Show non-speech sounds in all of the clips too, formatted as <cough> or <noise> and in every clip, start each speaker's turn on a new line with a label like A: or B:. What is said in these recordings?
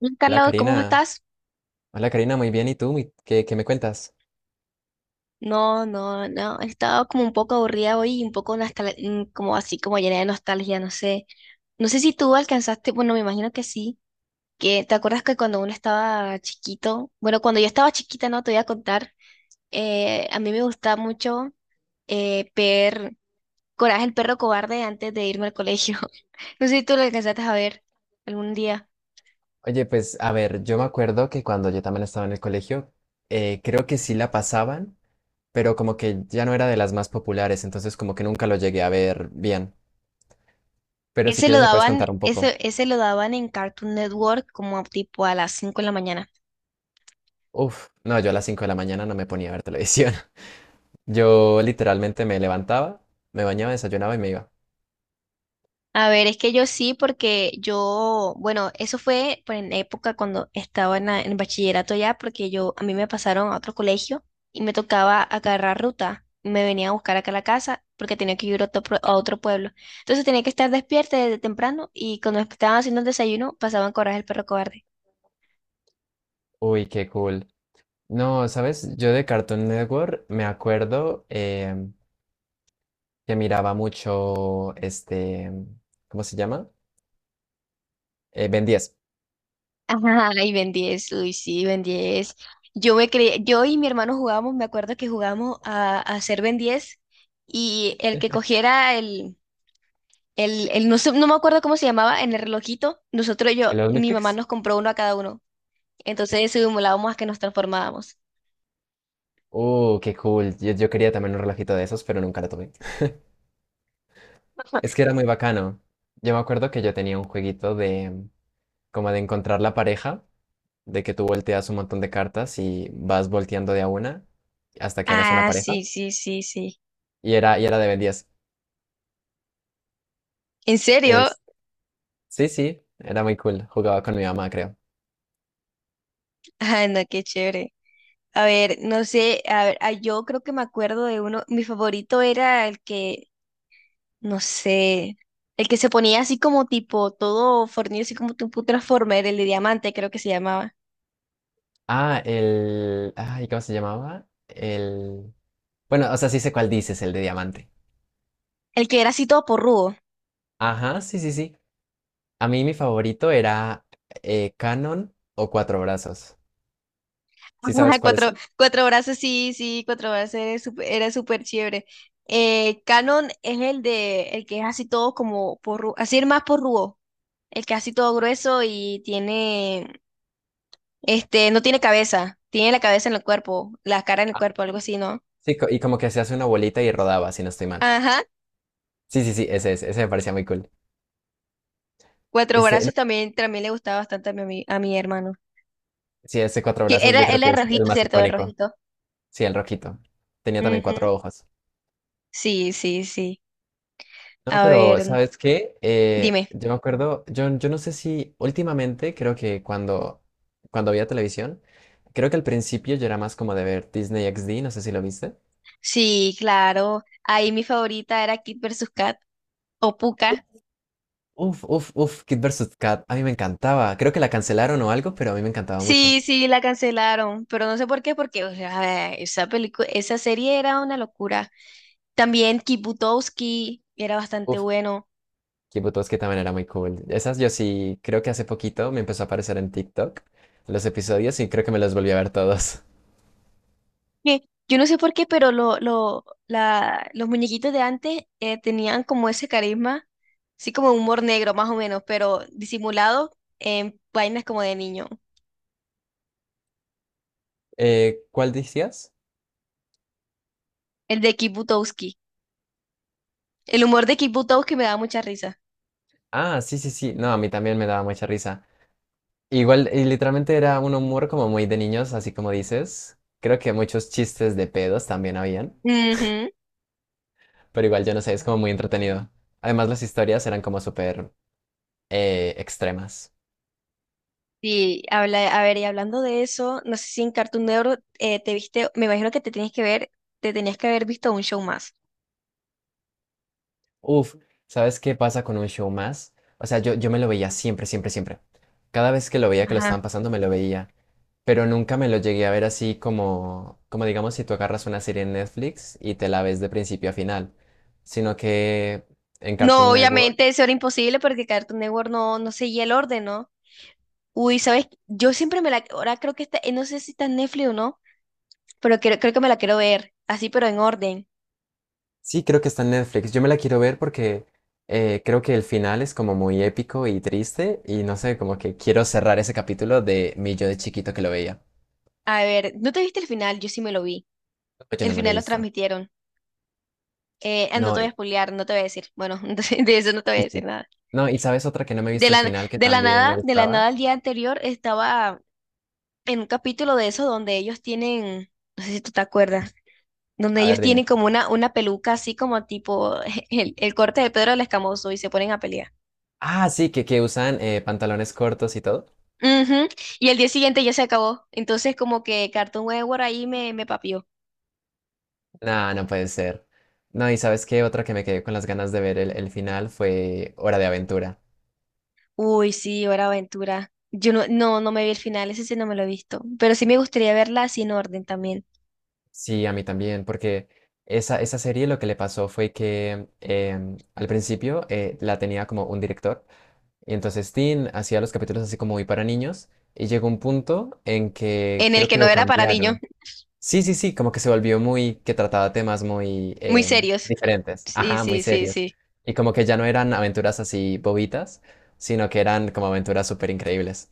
A: Hola,
B: Hola
A: Carla, ¿cómo
B: Karina,
A: estás?
B: muy bien. ¿Y tú? ¿Qué me cuentas?
A: No, no, no, he estado como un poco aburrida hoy y un poco como así, como llena de nostalgia, no sé. No sé si tú alcanzaste, bueno, me imagino que sí, que te acuerdas que cuando uno estaba chiquito, bueno, cuando yo estaba chiquita, no te voy a contar, a mí me gustaba mucho ver Coraje el perro cobarde antes de irme al colegio. <laughs> No sé si tú lo alcanzaste a ver algún día.
B: Oye, pues a ver, yo me acuerdo que cuando yo también estaba en el colegio, creo que sí la pasaban, pero como que ya no era de las más populares, entonces como que nunca lo llegué a ver bien. Pero si
A: Ese lo
B: quieres me puedes
A: daban,
B: contar un poco.
A: ese lo daban en Cartoon Network como tipo a las 5 de la mañana.
B: Uf, no, yo a las 5 de la mañana no me ponía a ver televisión. <laughs> Yo literalmente me levantaba, me bañaba, desayunaba y me iba.
A: A ver, es que yo sí, porque yo, bueno, eso fue pues, en época cuando estaba en bachillerato ya, porque yo, a mí me pasaron a otro colegio y me tocaba agarrar ruta. Me venía a buscar acá a la casa porque tenía que ir a otro pueblo. Entonces tenía que estar despierta desde temprano y cuando estaban haciendo el desayuno pasaban Coraje el perro cobarde.
B: Uy, qué cool. No, ¿sabes? Yo de Cartoon Network me acuerdo, que miraba mucho este, ¿cómo se llama? Ben 10.
A: <laughs> Ajá, y Ben 10, uy, sí, Ben 10. Yo me creía, yo y mi hermano jugábamos, me acuerdo que jugábamos a ser Ben 10 y el que cogiera el no me acuerdo cómo se llamaba, en el relojito,
B: ¿El de los
A: mi mamá
B: Matrix?
A: nos compró uno a cada uno. Entonces simulábamos a que nos transformábamos.
B: Qué cool. Yo quería también un relojito de esos, pero nunca lo tuve. Es que era muy bacano. Yo me acuerdo que yo tenía un jueguito de como de encontrar la pareja, de que tú volteas un montón de cartas y vas volteando de a una hasta que hagas una
A: Ah,
B: pareja.
A: sí, sí, sí, sí.
B: Y era de Ben 10.
A: ¿En serio?
B: Es, sí, sí, era muy cool. Jugaba con mi mamá, creo.
A: Ah, no, qué chévere. A ver, no sé, a ver, ah, yo creo que me acuerdo de uno, mi favorito era el que, no sé, el que se ponía así como tipo, todo fornido, así como tipo un Transformer, el de diamante creo que se llamaba.
B: Ah, el... Ay, ¿cómo se llamaba? El... Bueno, o sea, sí sé cuál dices, el de diamante.
A: El que era así todo porrudo.
B: Ajá, sí, sí, sí. A mí mi favorito era Canon o Cuatro Brazos. ¿Sí
A: Ajá,
B: sabes cuáles
A: Cuatro,
B: son?
A: cuatro brazos, sí, sí, cuatro brazos era súper chévere. Canon es el que es así todo como así es más porrudo, el que es así todo grueso y tiene, este, no tiene cabeza, tiene la cabeza en el cuerpo, la cara en el
B: Ah,
A: cuerpo, algo así, ¿no?
B: sí, y como que se hace una bolita y rodaba, si no estoy mal.
A: Ajá,
B: Sí, sí, sí, ese me parecía muy cool.
A: cuatro
B: Este, no,
A: brazos también le gustaba bastante a mi hermano.
B: sí, ese Cuatro
A: Que
B: Brazos yo
A: era,
B: creo
A: él
B: que
A: era
B: es el
A: rojito,
B: más
A: ¿cierto? El
B: icónico.
A: rojito.
B: Sí, el rojito. Tenía también
A: Ujú.
B: cuatro ojos.
A: Sí, sí, sí.
B: No,
A: A
B: pero
A: ver,
B: ¿sabes qué?
A: dime.
B: Yo me acuerdo, yo no sé si últimamente, cuando había televisión, creo que al principio yo era más como de ver Disney XD, no sé si lo viste.
A: Sí, claro. Ahí mi favorita era Kid vs. Kat. O Pucca.
B: Uf, uf, uf, uf, Kid vs. Kat, a mí me encantaba. Creo que la cancelaron o algo, pero a mí me encantaba mucho.
A: Sí, sí, la cancelaron, pero no sé por qué, porque o sea, esa película, esa serie era una locura. También Kibutowski era bastante
B: Uf,
A: bueno.
B: Kid que también era muy cool. Esas yo sí, creo que hace poquito me empezó a aparecer en TikTok los episodios y creo que me los volví a ver todos. <laughs>
A: Eh, yo no sé por qué, pero los muñequitos de antes tenían como ese carisma, así como humor negro más o menos, pero disimulado en vainas como de niño.
B: ¿Cuál decías?
A: El de Kibutowski. El humor de Kibutowski me da mucha risa.
B: Ah, sí, sí, sí. No, a mí también me daba mucha risa. Igual, y literalmente era un humor como muy de niños, así como dices. Creo que muchos chistes de pedos también habían,
A: Ujú.
B: pero igual yo no sé, es como muy entretenido. Además, las historias eran como súper extremas.
A: Sí, a ver, y hablando de eso, no sé si en Cartoon Network te viste, me imagino que te tenías que ver, te tenías que haber visto un show más.
B: Uf, ¿sabes qué pasa con un show más? O sea, yo me lo veía siempre, siempre, siempre. Cada vez que lo veía que lo
A: Ajá.
B: estaban pasando, me lo veía. Pero nunca me lo llegué a ver así como, como digamos, si tú agarras una serie en Netflix y te la ves de principio a final, sino que en
A: No,
B: Cartoon Network.
A: obviamente eso era imposible porque Cartoon Network no seguía el orden, ¿no? Uy, ¿sabes? Yo siempre me la, ahora creo que está, no sé si está en Netflix o no, pero creo que me la quiero ver, así pero en orden.
B: Sí, creo que está en Netflix. Yo me la quiero ver porque creo que el final es como muy épico y triste y no sé, como que quiero cerrar ese capítulo de mi yo de chiquito que lo veía.
A: A ver, ¿no te viste el final? Yo sí me lo vi.
B: Yo
A: El
B: no me lo he
A: final los
B: visto.
A: transmitieron. No
B: No,
A: te voy a
B: y,
A: spoilear, no te voy a decir. Bueno, <laughs> entonces de eso no te voy a
B: sí,
A: decir
B: sí.
A: nada.
B: No, ¿y sabes otra que no me he
A: De
B: visto el
A: la,
B: final que
A: de la
B: también me
A: nada, de la
B: gustaba?
A: nada el día anterior estaba en un capítulo de eso donde ellos tienen, no sé si tú te acuerdas, donde
B: A
A: ellos
B: ver,
A: tienen
B: dime.
A: como una peluca así como tipo <laughs> el corte de Pedro el Escamoso y se ponen a pelear.
B: Ah, sí, que usan pantalones cortos y todo.
A: Ujú. Y el día siguiente ya se acabó. Entonces como que Cartoon Network ahí me papió.
B: No, no puede ser. No, ¿y sabes qué? Otra que me quedé con las ganas de ver el final fue Hora de Aventura.
A: Uy, sí, Hora de Aventura. Yo no me vi el final, ese sí no me lo he visto. Pero sí me gustaría verla sin orden también.
B: Sí, a mí también, porque esa serie lo que le pasó fue que al principio la tenía como un director, y entonces Tim hacía los capítulos así como muy para niños, y llegó un punto en que
A: En el
B: creo
A: que
B: que
A: no
B: lo
A: era para niños,
B: cambiaron. Sí, sí, sí, como que se volvió muy, que trataba temas muy
A: <laughs> muy serios.
B: diferentes,
A: Sí,
B: ajá, muy
A: sí, sí,
B: serios,
A: sí.
B: y como que ya no eran aventuras así bobitas, sino que eran como aventuras súper increíbles.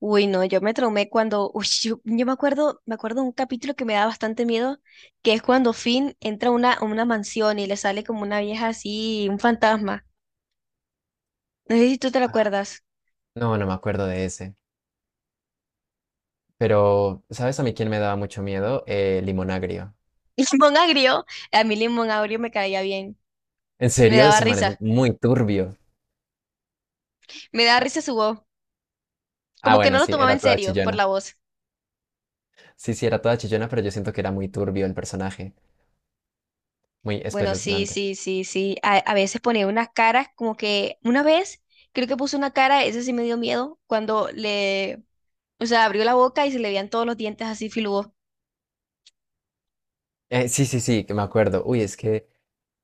A: Uy, no, yo me traumé cuando, uy, yo me acuerdo de un capítulo que me da bastante miedo, que es cuando Finn entra a una mansión y le sale como una vieja así, un fantasma. No sé si tú te lo acuerdas.
B: No, no me acuerdo de ese, pero ¿sabes a mí quién me daba mucho miedo? Limón Agrio.
A: <laughs> Limón agrio, a mí Limón agrio me caía bien,
B: En
A: me
B: serio,
A: daba
B: ese man es
A: risa,
B: muy turbio.
A: me daba
B: Ah,
A: risa su voz, como que no
B: bueno,
A: lo
B: sí,
A: tomaba
B: era
A: en
B: toda
A: serio por
B: chillona.
A: la voz.
B: Sí, sí, era toda chillona, pero yo siento que era muy turbio el personaje, muy
A: Bueno, sí,
B: espeluznante.
A: sí, sí, sí, a veces ponía unas caras, como que una vez creo que puso una cara, eso sí me dio miedo, cuando le, o sea, abrió la boca y se le veían todos los dientes así filudos.
B: Sí, sí, sí, que me acuerdo. Uy,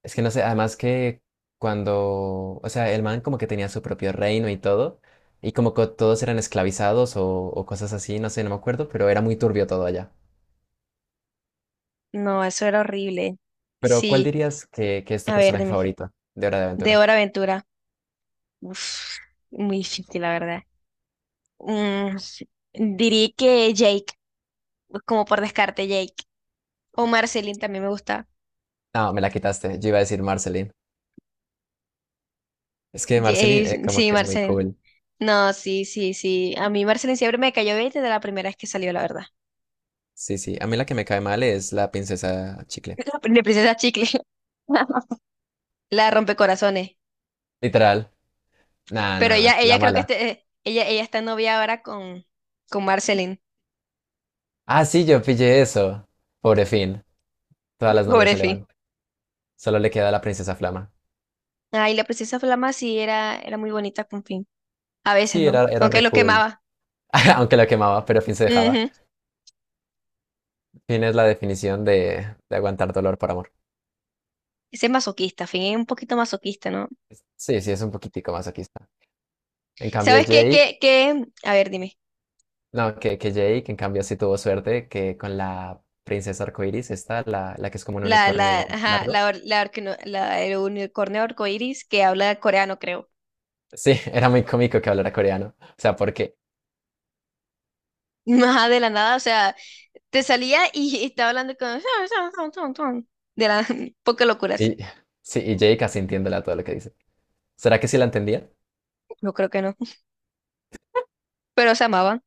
B: es que no sé, además que o sea, el man como que tenía su propio reino y todo, y como que todos eran esclavizados o cosas así, no sé, no me acuerdo, pero era muy turbio todo allá.
A: No, eso era horrible.
B: Pero, ¿cuál
A: Sí,
B: dirías que es tu
A: a ver,
B: personaje
A: dime.
B: favorito de Hora de
A: De
B: Aventura?
A: Hora Aventura. Uf, muy difícil, la verdad. Mm, diría que Jake, como por descarte, Jake. O Marceline también me gusta.
B: No, me la quitaste, yo iba a decir Marceline. Es que Marceline
A: Jake,
B: como
A: sí,
B: que es muy
A: Marceline.
B: cool.
A: No, sí, sí, sí. A mí Marceline siempre me cayó bien desde la primera vez que salió, la verdad.
B: Sí, sí. A mí la que me cae mal es la princesa chicle.
A: <laughs> La princesa Chicle. <laughs> La rompecorazones.
B: Literal. Nada,
A: Pero
B: nada mal.
A: ella
B: La
A: creo que
B: mala.
A: ella está novia ahora con Marceline.
B: Ah, sí, yo pillé eso. Pobre Finn. Todas las novias
A: Pobre
B: se le
A: Fi.
B: van. Solo le queda la princesa Flama.
A: Ay, la princesa Flama sí era muy bonita con Finn. A veces
B: Sí,
A: no,
B: era, era
A: aunque
B: re
A: lo
B: cool.
A: quemaba.
B: <laughs> Aunque lo quemaba, pero Finn se dejaba.
A: Ujú.
B: Finn es la definición de aguantar dolor por amor.
A: Ese es masoquista, Finn es un poquito masoquista, ¿no?
B: Sí, sí, es un poquitico más aquí está. En cambio,
A: ¿Sabes qué,
B: Jake,
A: qué, qué? A ver, dime.
B: no, que Jake, en cambio, sí tuvo suerte que con la princesa arcoiris, esta, la que es como un unicornio
A: Ajá,
B: largo.
A: la, or- la, orquino- la- el unicornio arcoíris que habla coreano, creo.
B: Sí, <laughs> era muy cómico que hablara coreano. O sea, porque
A: <laughs> Ajá, de la nada, o sea, te salía y estaba hablando con... De la... <laughs> Poca locuras.
B: Y, <laughs> sí, y Jake casi entiéndela todo lo que dice. ¿Será que sí la entendía?
A: Yo creo que no. Pero se amaban.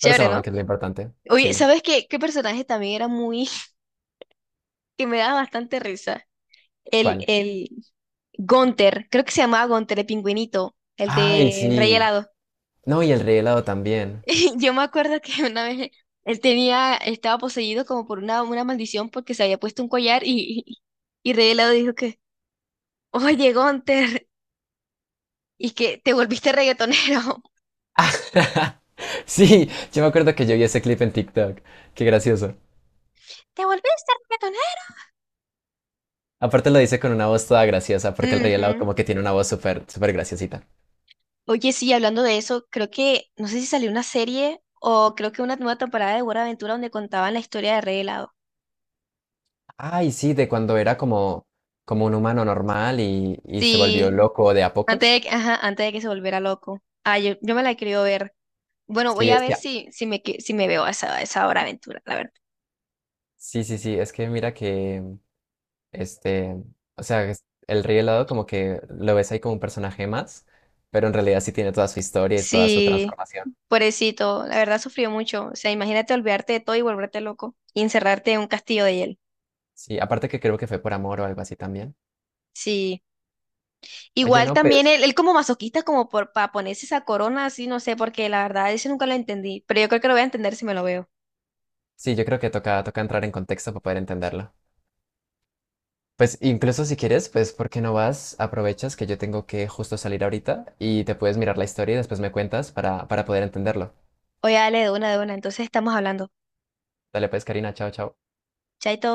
B: Pero se maman,
A: ¿no?
B: que es lo importante.
A: Oye,
B: Sí,
A: ¿sabes qué? ¿Qué personaje también era muy... <laughs> que me daba bastante risa? El,
B: ¿cuál?
A: el, Gunther, creo que se llamaba Gunther, el pingüinito, el
B: Ay,
A: de Rey
B: sí.
A: Helado.
B: No, y el rey helado también.
A: <laughs> Yo me acuerdo que una vez él tenía, estaba poseído como por una maldición porque se había puesto un collar y Rey Helado dijo que, oye, Gunther, y que te volviste reggaetonero. <laughs>
B: Ah, <laughs> sí, yo me acuerdo que yo vi ese clip en TikTok. Qué gracioso.
A: ¿Te volviste
B: Aparte lo dice con una voz toda graciosa, porque el rey helado
A: reggaetonero? Ujú.
B: como que tiene una voz súper, súper graciosita.
A: Oye, sí, hablando de eso, creo que, no sé si salió una serie o creo que una nueva temporada de Buena Aventura donde contaban la historia de Rey Helado.
B: Ay, sí, de cuando era como, como un humano normal y se volvió
A: Sí,
B: loco de a pocos.
A: ajá, antes de que se volviera loco. Ah, yo me la quería ver. Bueno, voy
B: Sí,
A: a
B: es
A: ver
B: que,
A: si me veo a esa hora aventura, la verdad.
B: sí, sí, sí, es que mira que Este, el Rey Helado como que lo ves ahí como un personaje más, pero en realidad sí tiene toda su historia y es toda su
A: Sí,
B: transformación.
A: pobrecito, la verdad sufrió mucho. O sea, imagínate olvidarte de todo y volverte loco y encerrarte en un castillo de hielo.
B: Sí, aparte que creo que fue por amor o algo así también.
A: Sí,
B: Oye,
A: igual
B: no,
A: también él,
B: pues
A: él como masoquista, como por para ponerse esa corona así, no sé, porque la verdad eso nunca lo entendí, pero yo creo que lo voy a entender si me lo veo.
B: sí, yo creo que toca, toca entrar en contexto para poder entenderlo. Pues incluso si quieres, pues ¿por qué no vas? Aprovechas que yo tengo que justo salir ahorita y te puedes mirar la historia y después me cuentas para poder entenderlo.
A: Oye, dale de una, entonces estamos hablando.
B: Dale pues, Karina, chao, chao.
A: Chaito.